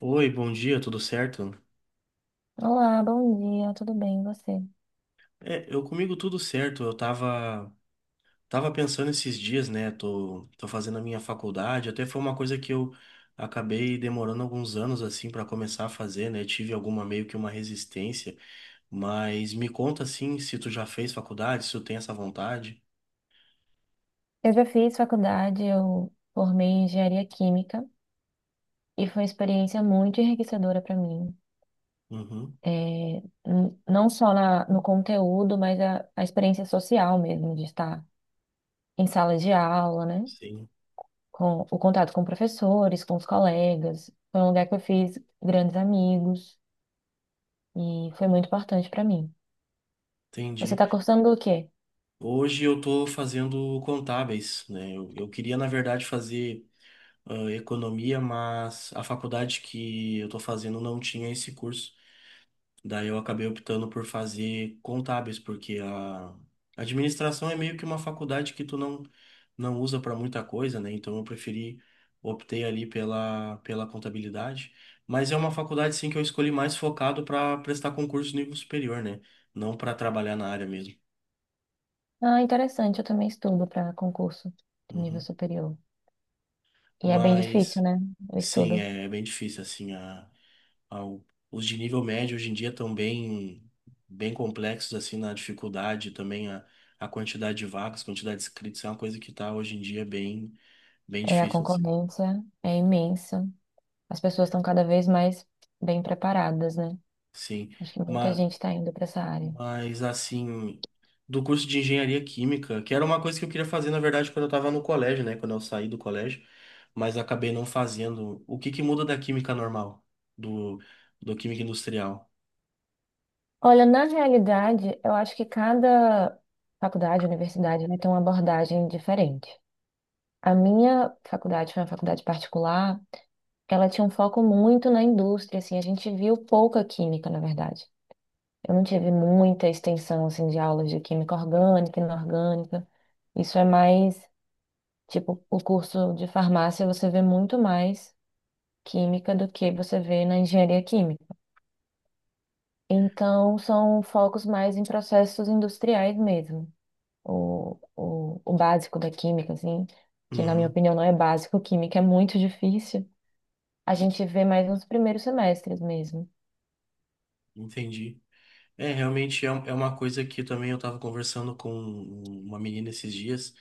Oi, bom dia, tudo certo? Olá, bom dia, tudo bem, e você? É, eu comigo tudo certo. Eu tava pensando esses dias, né? Tô fazendo a minha faculdade. Até foi uma coisa que eu acabei demorando alguns anos assim para começar a fazer, né? Tive alguma meio que uma resistência, mas me conta assim, se tu já fez faculdade, se tu tem essa vontade. Eu já fiz faculdade, eu formei em engenharia química e foi uma experiência muito enriquecedora para mim. Uhum, É, não só no conteúdo, mas a experiência social mesmo, de estar em sala de aula, né? sim. Com o contato com professores, com os colegas. Foi um lugar que eu fiz grandes amigos e foi muito importante para mim. Você Entendi. está cursando o quê? Hoje eu tô fazendo contábeis, né? Eu queria, na verdade, fazer economia, mas a faculdade que eu tô fazendo não tinha esse curso. Daí eu acabei optando por fazer contábeis, porque a administração é meio que uma faculdade que tu não usa para muita coisa, né? Então eu preferi, optei ali pela contabilidade. Mas é uma faculdade, sim, que eu escolhi mais focado para prestar concurso nível superior, né? Não para trabalhar na área mesmo. Ah, interessante, eu também estudo para concurso de nível Uhum. superior. E é bem difícil, Mas, né? O sim, estudo. é bem difícil, assim, ao- os de nível médio hoje em dia estão bem complexos assim na dificuldade, também a quantidade de vagas, quantidade de inscritos é uma coisa que está hoje em dia bem É, a difícil assim. concorrência é imensa. As pessoas estão cada vez mais bem preparadas, né? Sim, Acho que muita mas, gente está indo para essa área. mas assim, do curso de engenharia química, que era uma coisa que eu queria fazer, na verdade, quando eu estava no colégio, né? Quando eu saí do colégio, mas acabei não fazendo. O que que muda da química normal, do, do química industrial? Olha, na realidade, eu acho que cada faculdade, universidade, né, tem uma abordagem diferente. A minha faculdade foi uma faculdade particular, ela tinha um foco muito na indústria, assim, a gente viu pouca química, na verdade. Eu não tive muita extensão, assim, de aulas de química orgânica e inorgânica. Isso é mais. Tipo, o curso de farmácia você vê muito mais química do que você vê na engenharia química. Então, são focos mais em processos industriais mesmo. O básico da química, assim, que na minha Uhum, opinião não é básico, química é muito difícil. A gente vê mais nos primeiros semestres mesmo. entendi. É, realmente é, um- é uma coisa que também eu estava conversando com uma menina esses dias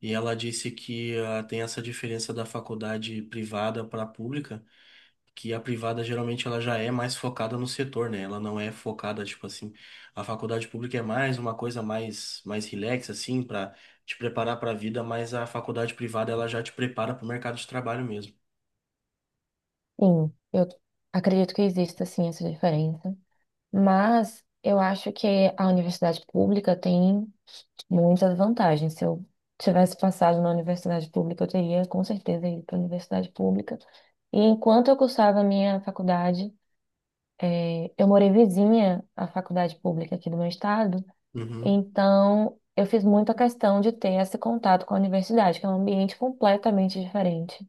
e ela disse que tem essa diferença da faculdade privada para a pública, que a privada geralmente ela já é mais focada no setor, né? Ela não é focada, tipo assim, a faculdade pública é mais uma coisa mais relax assim, para te preparar para a vida, mas a faculdade privada ela já te prepara para o mercado de trabalho mesmo. Sim, eu acredito que exista, sim, essa diferença. Mas eu acho que a universidade pública tem muitas vantagens. Se eu tivesse passado na universidade pública, eu teria com certeza ido para a universidade pública. E enquanto eu cursava a minha faculdade, eu morei vizinha à faculdade pública aqui do meu estado, Uhum, então eu fiz muita questão de ter esse contato com a universidade, que é um ambiente completamente diferente.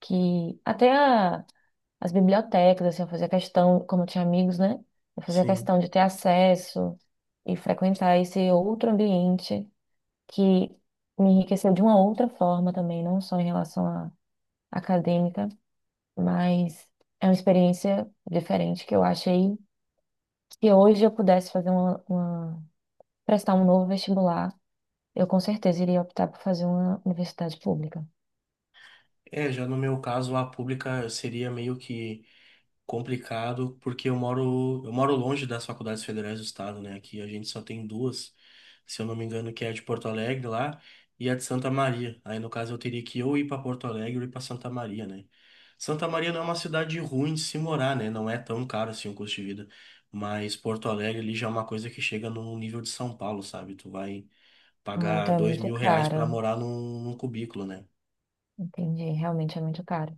Que as bibliotecas, assim, eu fazia questão, como eu tinha amigos, né? Eu fazia sim. questão de ter acesso e frequentar esse outro ambiente que me enriqueceu de uma outra forma também, não só em relação à acadêmica, mas é uma experiência diferente que eu achei que hoje eu pudesse fazer prestar um novo vestibular, eu com certeza iria optar por fazer uma universidade pública. É, já no meu caso, a pública seria meio que complicado, porque eu moro longe das faculdades federais do estado, né? Aqui a gente só tem duas, se eu não me engano, que é a de Porto Alegre lá e a de Santa Maria. Aí no caso eu teria que ou ir para Porto Alegre ou ir para Santa Maria, né? Santa Maria não é uma cidade ruim de se morar, né? Não é tão caro assim o custo de vida. Mas Porto Alegre ali já é uma coisa que chega no nível de São Paulo, sabe? Tu vai Ah, pagar então é dois muito mil reais para cara, morar num cubículo, né? entendi, realmente é muito caro.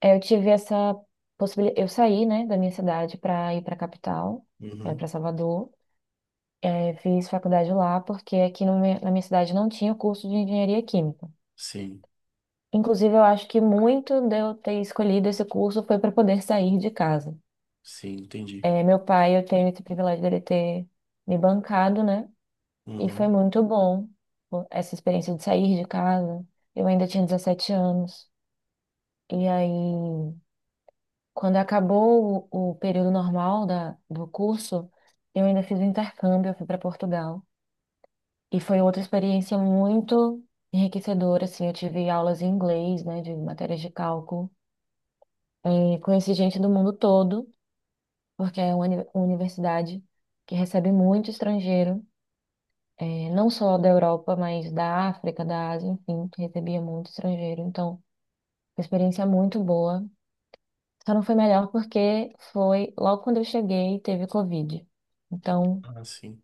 É, eu tive essa possibilidade, eu saí, né, da minha cidade para ir para a capital, Uhum. para Salvador. É, fiz faculdade lá porque aqui no me- na minha cidade não tinha curso de engenharia química. Sim, Inclusive, eu acho que muito de eu ter escolhido esse curso foi para poder sair de casa. sim, entendi. É, meu pai, eu tenho esse privilégio dele ter me bancado, né? E foi Uhum. muito bom pô, essa experiência de sair de casa. Eu ainda tinha 17 anos. E aí, quando acabou o período normal da, do curso, eu ainda fiz o intercâmbio, eu fui para Portugal. E foi outra experiência muito enriquecedora, assim. Eu tive aulas em inglês, né, de matérias de cálculo. É, conheci gente do mundo todo, porque é uma universidade que recebe muito estrangeiro, é, não só da Europa, mas da África, da Ásia, enfim, que recebia muito estrangeiro. Então, uma experiência muito boa. Só não foi melhor porque foi logo quando eu cheguei, teve Covid. Então, Ah, sim.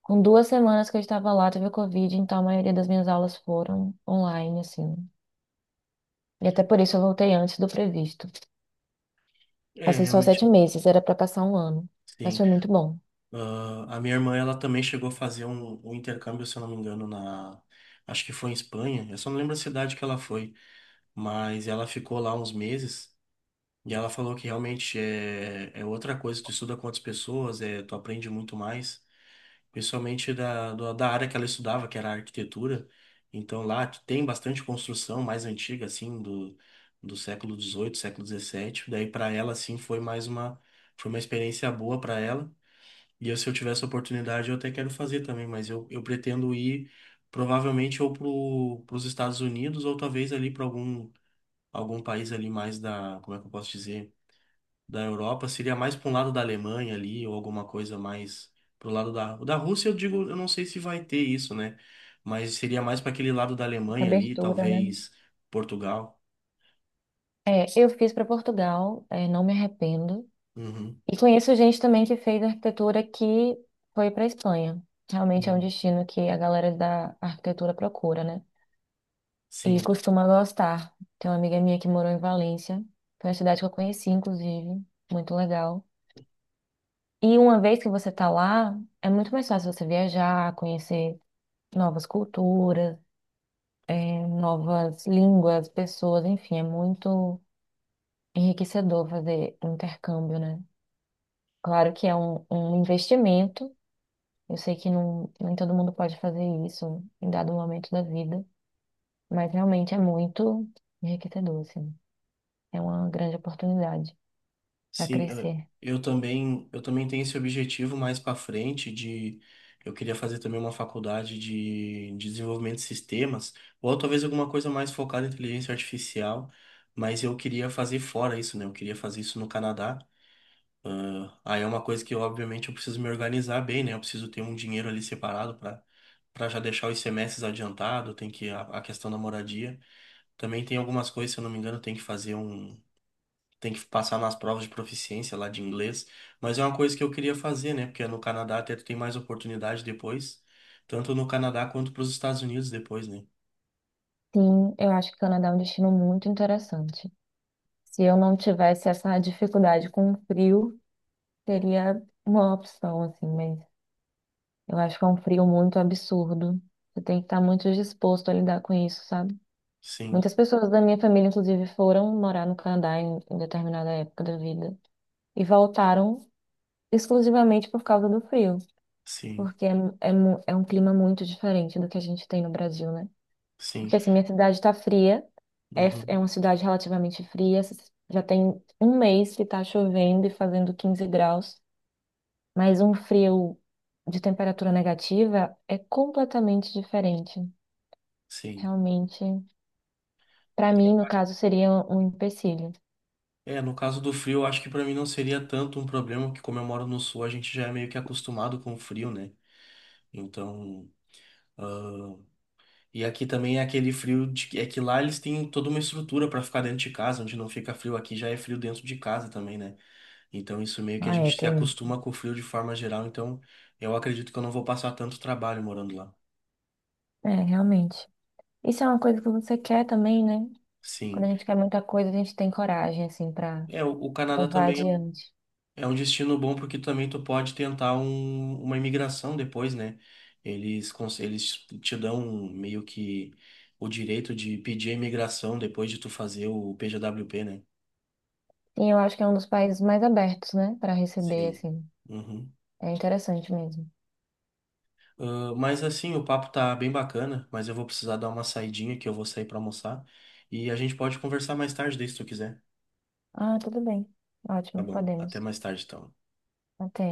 com 2 semanas que eu estava lá, teve Covid, então a maioria das minhas aulas foram online, assim. E até por isso eu voltei antes do previsto. É, Passei só sete realmente. meses, era para passar um ano, mas Sim. foi muito bom. Ah, a minha irmã, ela também chegou a fazer um intercâmbio, se eu não me engano, na... Acho que foi em Espanha. Eu só não lembro a cidade que ela foi. Mas ela ficou lá uns meses. E ela falou que realmente é outra coisa. Tu estuda com outras pessoas, é, tu aprende muito mais. Principalmente da área que ela estudava, que era a arquitetura. Então lá tem bastante construção mais antiga, assim, do século XVIII, século XVII. Daí para ela, assim, foi mais uma... Foi uma experiência boa para ela. E eu, se eu tivesse a oportunidade, eu até quero fazer também, mas eu pretendo ir provavelmente ou para os Estados Unidos ou talvez ali para algum país ali mais da, como é que eu posso dizer, da Europa. Seria mais para um lado da Alemanha ali ou alguma coisa mais pro lado da Rússia, eu digo, eu não sei se vai ter isso, né? Mas seria mais para aquele lado da Alemanha ali, Abertura, né? talvez Portugal. É, eu fiz para Portugal, é, não me arrependo. Uhum. E conheço gente também que fez arquitetura que foi para Espanha. Realmente é um Uhum. destino que a galera da arquitetura procura, né? E Sim. costuma gostar. Tem uma amiga minha que morou em Valência, foi uma cidade que eu conheci, inclusive, muito legal. E uma vez que você tá lá, é muito mais fácil você viajar, conhecer novas culturas, é, novas línguas, pessoas, enfim, é muito enriquecedor fazer um intercâmbio, né? Claro que é um, um investimento. Eu sei que não, nem todo mundo pode fazer isso em dado momento da vida, mas realmente é muito enriquecedor, assim. É uma grande oportunidade para Sim, eh, crescer. eu também tenho esse objetivo mais para frente de eu queria fazer também uma faculdade de desenvolvimento de sistemas, ou talvez alguma coisa mais focada em inteligência artificial, mas eu queria fazer fora isso, né? Eu queria fazer isso no Canadá. Ah, aí é uma coisa que, obviamente, eu preciso me organizar bem, né? Eu preciso ter um dinheiro ali separado para já deixar os semestres adiantado, tem que a questão da moradia. Também tem algumas coisas, se eu não me engano, tem que fazer um tem que passar nas provas de proficiência lá de inglês, mas é uma coisa que eu queria fazer, né? Porque no Canadá até tu tem mais oportunidade depois, tanto no Canadá quanto para os Estados Unidos depois, né? Sim, eu acho que o Canadá é um destino muito interessante. Se eu não tivesse essa dificuldade com o frio, seria uma opção, assim, mas eu acho que é um frio muito absurdo. Você tem que estar muito disposto a lidar com isso, sabe? Sim, Muitas pessoas da minha família, inclusive, foram morar no Canadá em determinada época da vida e voltaram exclusivamente por causa do frio, sim, porque é um clima muito diferente do que a gente tem no Brasil, né? sim, Porque assim, minha cidade está fria, é, é uhum, uma cidade relativamente fria, já tem um mês que está chovendo e fazendo 15 graus, mas um frio de temperatura negativa é completamente diferente. sim. Realmente, para mim, no caso, seria um empecilho. É, no caso do frio, eu acho que para mim não seria tanto um problema, porque como eu moro no sul, a gente já é meio que acostumado com o frio, né? Então, ah, e aqui também é aquele frio de que é que lá eles têm toda uma estrutura para ficar dentro de casa, onde não fica frio, aqui já é frio dentro de casa também, né? Então, isso meio que a Ah, é, gente se tem. acostuma com o frio de forma geral. Então, eu acredito que eu não vou passar tanto trabalho morando lá. É, realmente. Isso é uma coisa que você quer também, né? Quando Sim. a gente quer muita coisa, a gente tem coragem, assim, pra É, o Canadá levar também adiante. é um destino bom porque também tu pode tentar uma imigração depois, né? Eles te dão meio que o direito de pedir a imigração depois de tu fazer o PJWP, né? E eu acho que é um dos países mais abertos, né? Pra receber, Sim. assim. Uhum. É interessante mesmo. Ah, mas assim, o papo tá bem bacana, mas eu vou precisar dar uma saidinha que eu vou sair pra almoçar. E a gente pode conversar mais tarde, daí, se tu quiser. Ah, tudo bem. Tá Ótimo, bom. Até podemos. mais tarde, então. Até.